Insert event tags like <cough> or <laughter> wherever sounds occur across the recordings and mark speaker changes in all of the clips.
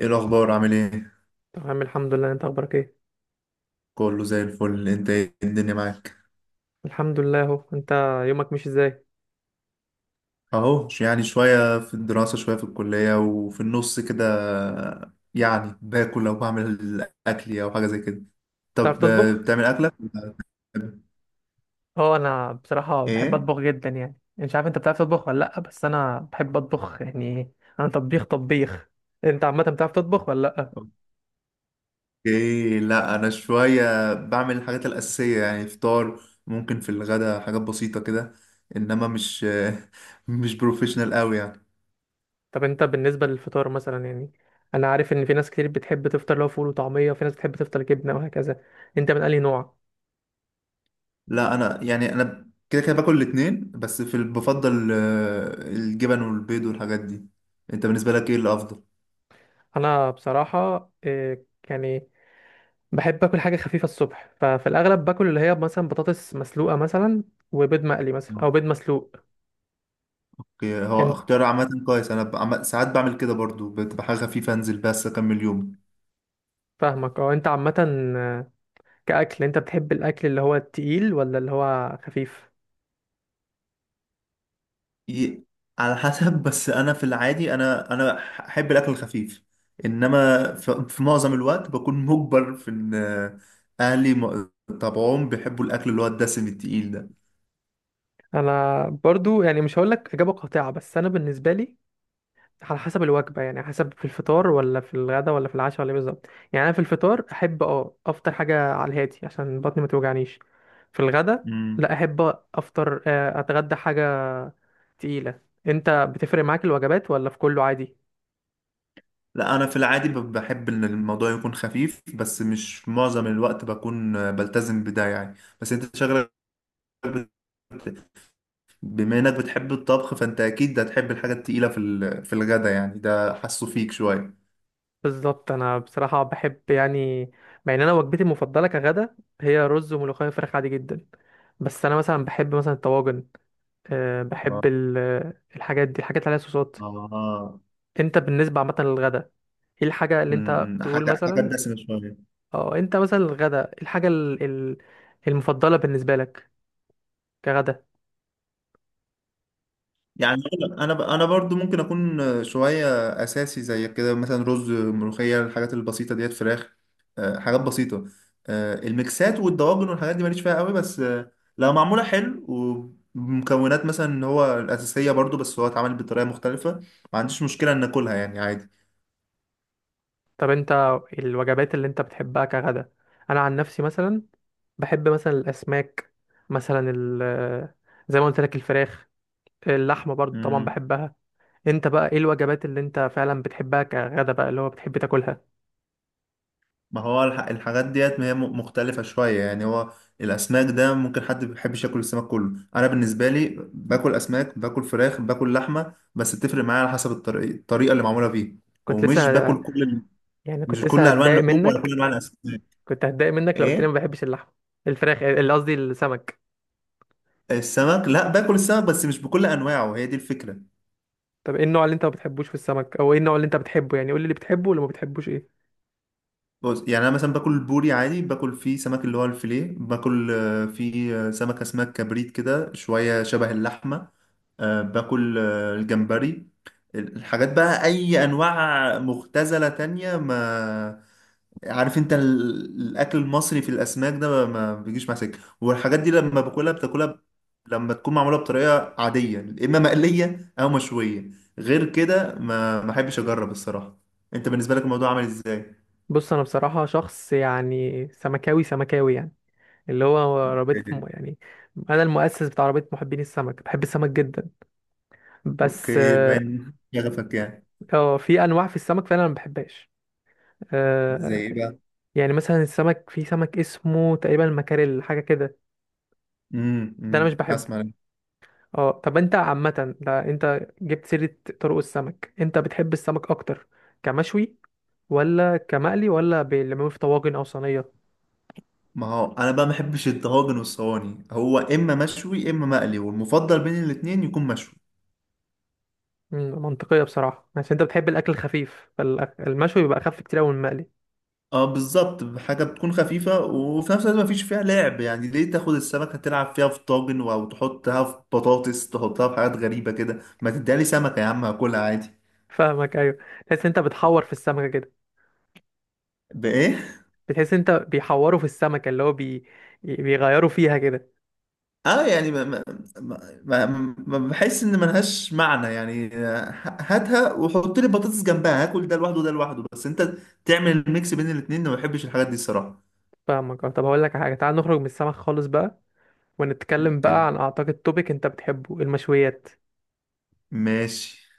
Speaker 1: ايه الاخبار؟ عامل ايه؟
Speaker 2: تمام الحمد لله، انت اخبارك ايه؟
Speaker 1: كله زي الفل. انت ايه الدنيا معاك؟
Speaker 2: الحمد لله اهو. انت يومك مش ازاي؟
Speaker 1: اهو يعني شويه في الدراسه، شويه في الكليه، وفي النص كده. يعني باكل او بعمل اكلي او حاجه زي كده.
Speaker 2: بتعرف
Speaker 1: طب،
Speaker 2: تطبخ؟
Speaker 1: بتعمل اكلك ولا بتعمل
Speaker 2: اه، انا بصراحه بحب
Speaker 1: ايه؟
Speaker 2: اطبخ جدا. يعني مش عارف انت بتعرف تطبخ ولا لا، بس انا بحب اطبخ يعني. انا طبيخ طبيخ. انت عامه بتعرف تطبخ ولا لا؟
Speaker 1: اوكي، لا انا شويه بعمل الحاجات الاساسيه، يعني فطار. ممكن في الغدا حاجات بسيطه كده، انما مش <laughs> مش بروفيشنال قوي يعني.
Speaker 2: طب انت بالنسبه للفطار مثلا يعني، انا عارف ان في ناس كتير بتحب تفطر لو فول وطعميه، وفي ناس بتحب تفطر جبنه وهكذا. انت من انهي نوع؟
Speaker 1: لا انا يعني، انا كده كده باكل الاتنين، بس بفضل الجبن والبيض والحاجات دي. انت بالنسبه لك ايه الافضل؟
Speaker 2: انا بصراحه يعني بحب اكل حاجه خفيفه الصبح، ففي الاغلب باكل اللي هي مثلا بطاطس مسلوقه مثلا، وبيض مقلي مثلا او
Speaker 1: آه.
Speaker 2: بيض مسلوق.
Speaker 1: أوكي، هو
Speaker 2: انت
Speaker 1: اختيار عامه كويس. انا ساعات بعمل كده برضو، بتبقى حاجه خفيفه انزل بس اكمل يوم.
Speaker 2: فاهمك اه، انت عامه، آه، كاكل انت بتحب الاكل اللي هو التقيل ولا اللي هو خفيف؟
Speaker 1: ي- على حسب <laughs> بس انا في العادي، انا احب الاكل الخفيف، انما في معظم الوقت بكون مجبر في ان، اهلي طبعهم بيحبوا الاكل اللي هو الدسم التقيل ده.
Speaker 2: انا برضو يعني مش هقول لك اجابه قاطعه، بس انا بالنسبه لي على حسب الوجبه، يعني على حسب في الفطار ولا في الغدا ولا في العشاء ولا إيه بالظبط. يعني انا في الفطار احب اه افطر حاجه على الهادي عشان بطني ما توجعنيش. في الغدا لا،
Speaker 1: مم.
Speaker 2: احب افطر اتغدى حاجه تقيلة. انت بتفرق معاك الوجبات ولا في كله عادي؟
Speaker 1: لا انا في العادي بحب ان الموضوع يكون خفيف، بس مش معظم الوقت بكون بلتزم بده يعني. بس انت شغلك، بت- بما انك بتحب الطبخ، فانت اكيد هتحب الحاجة التقيلة في الغدا. يعني ده حاسه فيك شوية.
Speaker 2: بالظبط، انا بصراحة بحب يعني، مع ان انا وجبتي المفضلة كغدا هي رز وملوخية وفراخ عادي جدا، بس انا مثلا بحب مثلا الطواجن. أه
Speaker 1: اه آه.
Speaker 2: بحب الحاجات دي، الحاجات اللي عليها صوصات.
Speaker 1: اه
Speaker 2: انت بالنسبة عامة للغدا، ايه الحاجة اللي انت تقول
Speaker 1: حاجة حاجة
Speaker 2: مثلا؟
Speaker 1: دسمة شوية.
Speaker 2: اه، انت مثلا الغدا إيه الحاجة المفضلة بالنسبة لك كغدا؟
Speaker 1: يعني انا برضو ممكن اكون شويه اساسي زي كده، مثلا رز، ملوخيه، الحاجات البسيطه ديت، فراخ. حاجات بسيطه. الميكسات والدواجن والحاجات دي ماليش فيها قوي، بس لو معموله حلو، ومكونات مثلا اللي هو الاساسيه برضو بس هو اتعمل بطريقه مختلفه، ما عنديش مشكله ان اكلها يعني.
Speaker 2: طب انت الوجبات اللي انت بتحبها كغدا، انا عن نفسي مثلا بحب مثلا الاسماك، مثلا ال زي ما قلت لك الفراخ، اللحمه برضو طبعا
Speaker 1: عادي.
Speaker 2: بحبها. انت بقى ايه الوجبات اللي انت فعلا بتحبها كغدا بقى، اللي هو بتحب تاكلها؟
Speaker 1: ما هو الحاجات ديت ما هي مختلفة شوية يعني. هو الأسماك ده ممكن حد ما بيحبش ياكل السمك كله. أنا بالنسبة لي باكل أسماك، باكل فراخ، باكل لحمة، بس بتفرق معايا على حسب الطريقة اللي معمولة فيه.
Speaker 2: كنت
Speaker 1: ومش
Speaker 2: لسه ه-
Speaker 1: باكل كل ال-
Speaker 2: يعني كنت
Speaker 1: مش
Speaker 2: لسه
Speaker 1: كل ألوان
Speaker 2: هتضايق
Speaker 1: اللحوم ولا كل
Speaker 2: منك.
Speaker 1: أنواع الأسماك.
Speaker 2: كنت هتضايق منك لو قلت لي
Speaker 1: إيه.
Speaker 2: ما بحبش اللحمه، الفراخ، اللي قصدي السمك.
Speaker 1: السمك، لا باكل السمك بس مش بكل أنواعه، هي دي الفكرة.
Speaker 2: طب ايه النوع اللي انت ما بتحبوش في السمك، او ايه النوع اللي انت بتحبه؟ يعني قول لي اللي بتحبه واللي ما بتحبوش ايه.
Speaker 1: بص يعني، أنا مثلا باكل البوري عادي، باكل فيه سمك اللي هو الفيليه، باكل فيه سمك أسماك كبريت كده، شوية شبه اللحمة. باكل الجمبري. الحاجات بقى اي انواع مختزلة تانية ما. عارف انت الاكل المصري في الاسماك ده ما بيجيش مع سكه والحاجات دي. لما باكلها بتاكلها لما تكون معموله بطريقه عاديه، اما مقليه او مشويه. غير كده ما احبش اجرب الصراحه. انت بالنسبه لك الموضوع عامل ازاي؟
Speaker 2: بص انا بصراحه شخص يعني سمكاوي يعني، اللي هو رابطة م... يعني أنا المؤسس بتاع رابطة محبين السمك، بحب السمك جدا. بس
Speaker 1: اوكي،
Speaker 2: آه،
Speaker 1: باين شغفك يعني.
Speaker 2: في أنواع في السمك فعلا أنا ما بحبهاش.
Speaker 1: زي
Speaker 2: آه
Speaker 1: ايه بقى؟
Speaker 2: يعني مثلا السمك، في سمك اسمه تقريبا المكاريل حاجة كده، ده أنا مش بحبه.
Speaker 1: اسمع،
Speaker 2: اه طب أنت عامة، ده أنت جبت سيرة طرق السمك، أنت بتحب السمك أكتر كمشوي ولا كمقلي، ولا بيعملوه في طواجن أو صينية؟
Speaker 1: ما هو انا بقى ما بحبش الطواجن والصواني. هو اما مشوي اما مقلي، والمفضل بين الاتنين يكون مشوي.
Speaker 2: مم، منطقية بصراحة، عشان أنت بتحب الأكل الخفيف فالمشوي بيبقى أخف كتير أوي من المقلي.
Speaker 1: اه بالظبط، حاجه بتكون خفيفه وفي نفس الوقت ما فيش فيها لعب. يعني ليه تاخد السمكه تلعب فيها في طاجن او تحطها في بطاطس، تحطها في حاجات غريبه كده؟ ما تديها لي سمكه يا عم هاكلها عادي.
Speaker 2: فاهمك ايوه. تحس انت بتحور في السمكه كده؟
Speaker 1: بايه؟
Speaker 2: بتحس انت بيحوروا في السمكه، اللي هو بي... بيغيروا فيها كده.
Speaker 1: اه يعني ما بحس ان ملهاش معنى يعني. هاتها وحط لي بطاطس جنبها، هاكل ده لوحده وده لوحده، بس انت تعمل الميكس بين الاتنين ما بحبش الحاجات دي الصراحه.
Speaker 2: فاهمك اه. طب هقول لك حاجه، تعال نخرج من السمك خالص بقى، ونتكلم بقى عن اعتقد توبيك انت بتحبه، المشويات.
Speaker 1: ماشي.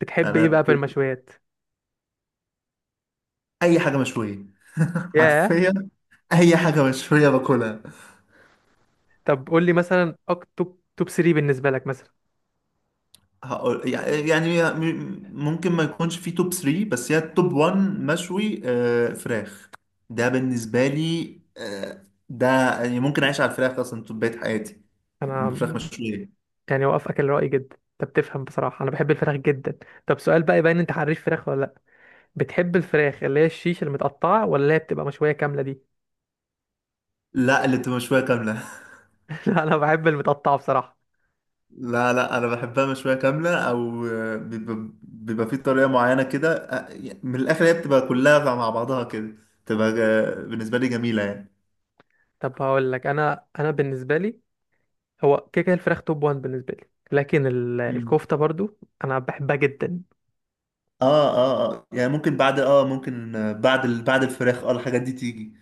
Speaker 2: بتحب ايه
Speaker 1: انا
Speaker 2: بقى في المشويات؟
Speaker 1: اي حاجه مشويه <laughs>
Speaker 2: ياه.
Speaker 1: حرفيا اي حاجه مشويه باكلها.
Speaker 2: طب قول لي مثلا توب 3 بالنسبه لك مثلا.
Speaker 1: هقول يعني ممكن ما يكونش في توب 3، بس هي التوب 1 مشوي فراخ. ده بالنسبه لي، ده يعني ممكن اعيش على الفراخ اصلا طول بقية حياتي.
Speaker 2: انا
Speaker 1: الفراخ مشويه.
Speaker 2: يعني وافقك الراي جدا. انت بتفهم، بصراحه انا بحب الفراخ جدا. طب سؤال بقى يبين انت حريف فراخ ولا لا، بتحب الفراخ اللي هي الشيش المتقطعه، ولا اللي هي بتبقى مشويه كامله دي؟
Speaker 1: لا اللي بتبقى مشويه كامله.
Speaker 2: <laughs> لا انا بحب المتقطعه بصراحه.
Speaker 1: لا، لا، انا بحبها مشويه كامله، او بيبقى, في طريقه معينه كده. من الاخر هي بتبقى كلها مع بعضها كده، بتبقى بالنسبه لي جميله يعني.
Speaker 2: طب هقول لك، انا بالنسبه لي، هو كده كده الفراخ توب 1 بالنسبه لي، لكن
Speaker 1: مم.
Speaker 2: الكفته برضو انا بحبها جدا.
Speaker 1: اه، اه، اه، يعني ممكن بعد، ممكن بعد بعد الفراخ الحاجات دي تيجي.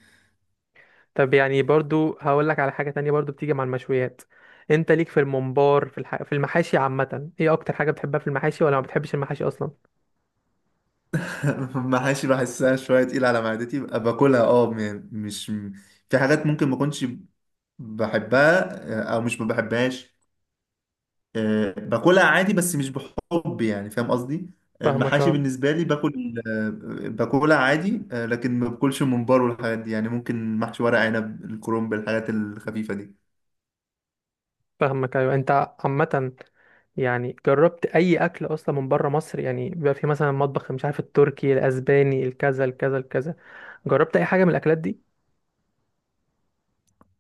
Speaker 2: طب يعني برضو هقول لك على حاجه تانية برضو بتيجي مع المشويات. انت ليك في الممبار، في الح... في المحاشي عامه، ايه اكتر حاجه بتحبها في المحاشي، ولا ما بتحبش المحاشي اصلا؟
Speaker 1: <laughs> محاشي بحسها شويه تقيله على معدتي، ببقى باكلها. مش، في حاجات ممكن ما اكونش بحبها، او مش ما بحبهاش. باكلها عادي بس مش بحب، يعني فاهم قصدي.
Speaker 2: فاهمك
Speaker 1: المحاشي
Speaker 2: اه.
Speaker 1: بالنسبة لي باكل، باكلها عادي، لكن ما باكلش الممبار والحاجات دي. يعني ممكن محشي ورق عنب، الكرنب، الحاجات الخفيفة دي.
Speaker 2: فاهمك ايوه. انت عامه يعني جربت اي اكل اصلا من بره مصر؟ يعني بيبقى في مثلا مطبخ مش عارف، التركي، الاسباني، الكذا الكذا الكذا. جربت اي حاجه من الاكلات دي؟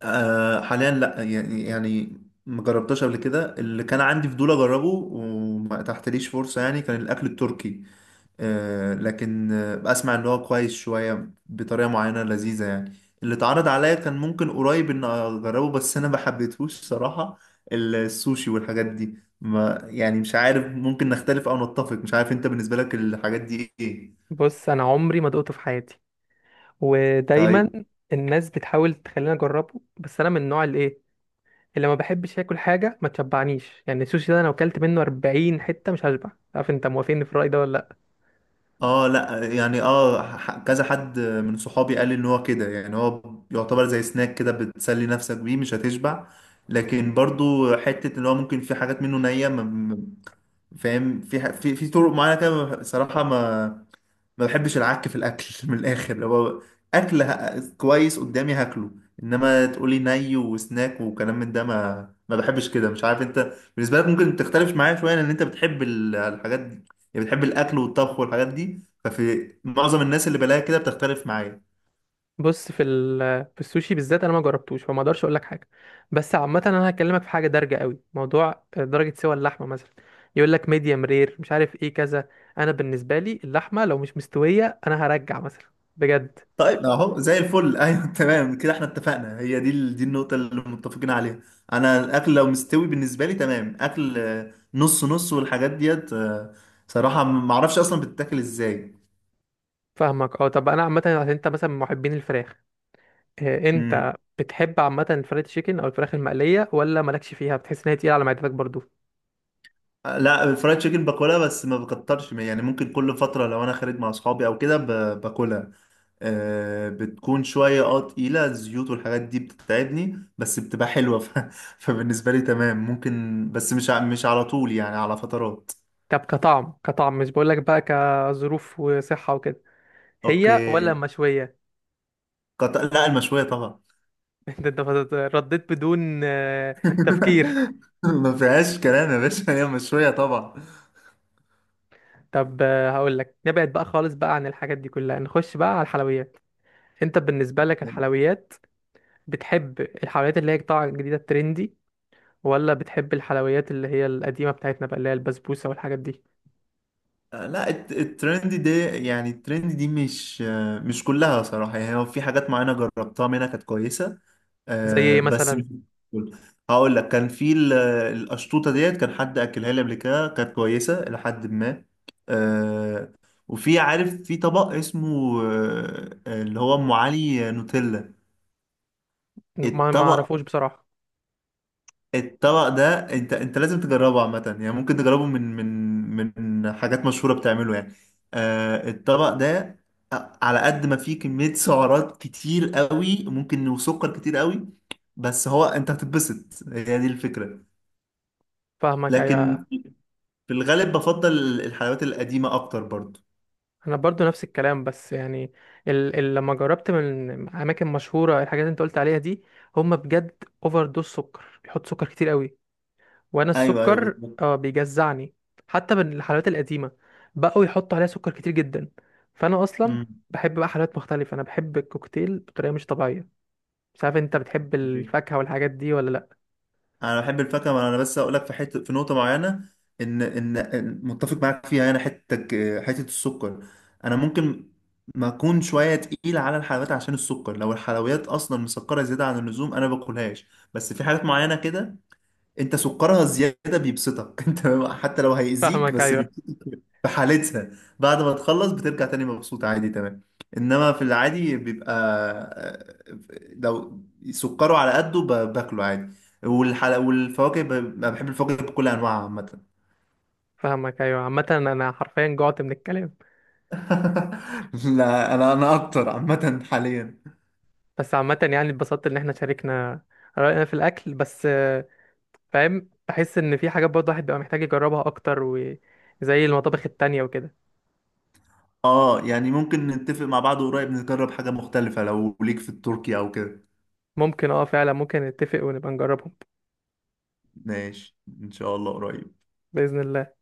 Speaker 1: حاليا لا يعني ما جربتهاش قبل كده. اللي كان عندي فضول اجربه وما تحتليش فرصة يعني كان الاكل التركي. لكن اسمع اللي هو كويس شويه بطريقه معينه لذيذه يعني. اللي اتعرض عليا كان ممكن قريب ان اجربه بس انا ما حبيتهوش صراحه، السوشي والحاجات دي. ما يعني، مش عارف ممكن نختلف او نتفق. مش عارف انت بالنسبه لك الحاجات دي ايه؟
Speaker 2: بص انا عمري ما دقته في حياتي. ودايما
Speaker 1: طيب.
Speaker 2: الناس بتحاول تخليني اجربه، بس انا من النوع اللي ايه، اللي ما بحبش اكل حاجه ما تشبعنيش. يعني السوشي ده انا اكلت منه 40 حته مش هشبع. عارف انت موافقني في الراي ده ولا لا؟
Speaker 1: اه لا يعني، كذا حد من صحابي قال لي ان هو كده، يعني هو يعتبر زي سناك كده بتسلي نفسك بيه مش هتشبع. لكن برضو حتة ان هو ممكن في حاجات منه نية، فاهم في في طرق معينة كده. صراحة ما بحبش العك في الاكل <laughs> من الاخر. لو اكل كويس قدامي هاكله، انما تقولي ني وسناك وكلام من ده ما بحبش كده. مش عارف انت بالنسبه لك ممكن تختلف معايا شويه، لان انت بتحب الحاجات دي. يعني بتحب الاكل والطبخ والحاجات دي، ففي معظم الناس اللي بلاقيها كده بتختلف معايا.
Speaker 2: بص في في السوشي بالذات انا ما جربتوش، فما اقدرش اقول لك حاجه. بس عامه انا هكلمك في حاجه دارجه قوي، موضوع درجه سوى اللحمه مثلا. يقول لك ميديم رير مش عارف ايه كذا. انا بالنسبه لي اللحمه لو مش مستويه انا هرجع مثلا بجد.
Speaker 1: طيب اهو زي الفل. <laughs> ايوه تمام كده، احنا اتفقنا هي دي دي النقطه اللي متفقين عليها. انا الاكل لو مستوي بالنسبه لي تمام، اكل نص نص والحاجات ديت صراحه ما اعرفش اصلا بتتاكل ازاي.
Speaker 2: فاهمك اه. طب انا عامه، عشان انت مثلا من محبين الفراخ،
Speaker 1: امم
Speaker 2: انت بتحب عامه الفرايد تشيكن او الفراخ المقليه، ولا مالكش فيها، بتحس ان هي تقيله على معدتك برضو؟
Speaker 1: لا، الفرايد تشيكن باكلها بس ما بكترش. يعني ممكن كل فترة لو انا خارج مع اصحابي او كده باكلها. آه بتكون شوية تقيلة، الزيوت والحاجات دي بتتعبني بس بتبقى حلوة <laughs> فبالنسبة لي تمام ممكن، بس مش على طول يعني، على فترات.
Speaker 2: طب كطعم، كطعم مش بقولك بقى كظروف وصحه وكده، هي ولا
Speaker 1: اوكي.
Speaker 2: مشويه؟
Speaker 1: لا المشوية طبعا.
Speaker 2: <laughs> انت رديت بدون تفكير.
Speaker 1: <laughs> ما فيهاش كلام يا باشا، هي مشوية طبعا.
Speaker 2: طب هقول لك، نبعد بقى خالص بقى عن الحاجات دي كلها، نخش بقى على الحلويات. انت بالنسبه لك الحلويات، بتحب الحلويات اللي هي طالعه جديده، الترندي، ولا بتحب الحلويات اللي هي القديمه بتاعتنا بقى، اللي هي البسبوسه والحاجات دي؟
Speaker 1: لا الترند دي، يعني الترند دي مش كلها صراحة. يعني هو في حاجات معينة جربتها منها كانت كويسة،
Speaker 2: زي ايه
Speaker 1: بس
Speaker 2: مثلا؟
Speaker 1: مش كل- هقول لك كان القشطوطة ديت، كان حد أكلها لي قبل كده كانت كويسة إلى حد ما. آه، وفي عارف في طبق اسمه اللي هو أم علي نوتيلا.
Speaker 2: ما ما
Speaker 1: الطبق
Speaker 2: اعرفوش بصراحه.
Speaker 1: الطبق ده انت لازم تجربه عامة. يعني ممكن تجربه من من حاجات مشهورة بتعمله يعني. الطبق ده على قد ما فيه كمية سعرات كتير قوي ممكن، وسكر كتير قوي، بس هو انت هتتبسط، هي دي الفكرة.
Speaker 2: فاهمك
Speaker 1: لكن
Speaker 2: ايوه.
Speaker 1: في الغالب بفضل الحلويات القديمة اكتر برضو.
Speaker 2: انا برضو نفس الكلام، بس يعني ال ال لما جربت من اماكن مشهوره الحاجات اللي انت قلت عليها دي، هم بجد اوفر دوز سكر، بيحط سكر كتير قوي، وانا
Speaker 1: ايوه، ايوه،
Speaker 2: السكر
Speaker 1: بالظبط.
Speaker 2: اه بيجزعني. حتى من الحلويات القديمه بقوا يحطوا عليها سكر كتير جدا. فانا اصلا بحب بقى حلويات مختلفه، انا بحب الكوكتيل بطريقه مش طبيعيه. مش عارف انت بتحب
Speaker 1: مم.
Speaker 2: الفاكهه والحاجات دي ولا لا؟
Speaker 1: انا بحب الفاكهه، ما انا بس اقول لك في حته، في نقطه معينه ان ان إن متفق معاك فيها انا، حتتك حته السكر. انا ممكن ما اكون شويه تقيل على الحلويات عشان السكر، لو الحلويات اصلا مسكره زياده عن اللزوم انا باكلهاش. بس في حاجات معينه كده انت سكرها الزياده بيبسطك <laughs> انت، حتى لو هيأذيك
Speaker 2: فاهمك
Speaker 1: بس
Speaker 2: ايوه.
Speaker 1: بيبسطك في حالتها. بعد ما تخلص بترجع تاني مبسوط عادي تمام. انما في العادي بيبقى آه، لو سكره على قده باكله عادي. والحلا والفواكه، انا بحب الفواكه بكل انواعها عامه.
Speaker 2: فاهمك ايوه. عامه انا حرفيا جوعت من الكلام.
Speaker 1: <laughs> لا انا، اكتر عامه حاليا.
Speaker 2: بس عامة يعني اتبسطت ان احنا شاركنا رأينا في الأكل، بس آه، فاهم، بحس ان في حاجات برضه الواحد بيبقى محتاج يجربها أكتر، وزي المطابخ التانية وكده.
Speaker 1: اه يعني ممكن نتفق مع بعض قريب نجرب حاجه مختلفه، لو ليك في التركي او كده.
Speaker 2: ممكن اه، فعلا ممكن نتفق ونبقى نجربهم.
Speaker 1: ماشي ان شاء الله قريب.
Speaker 2: بإذن الله.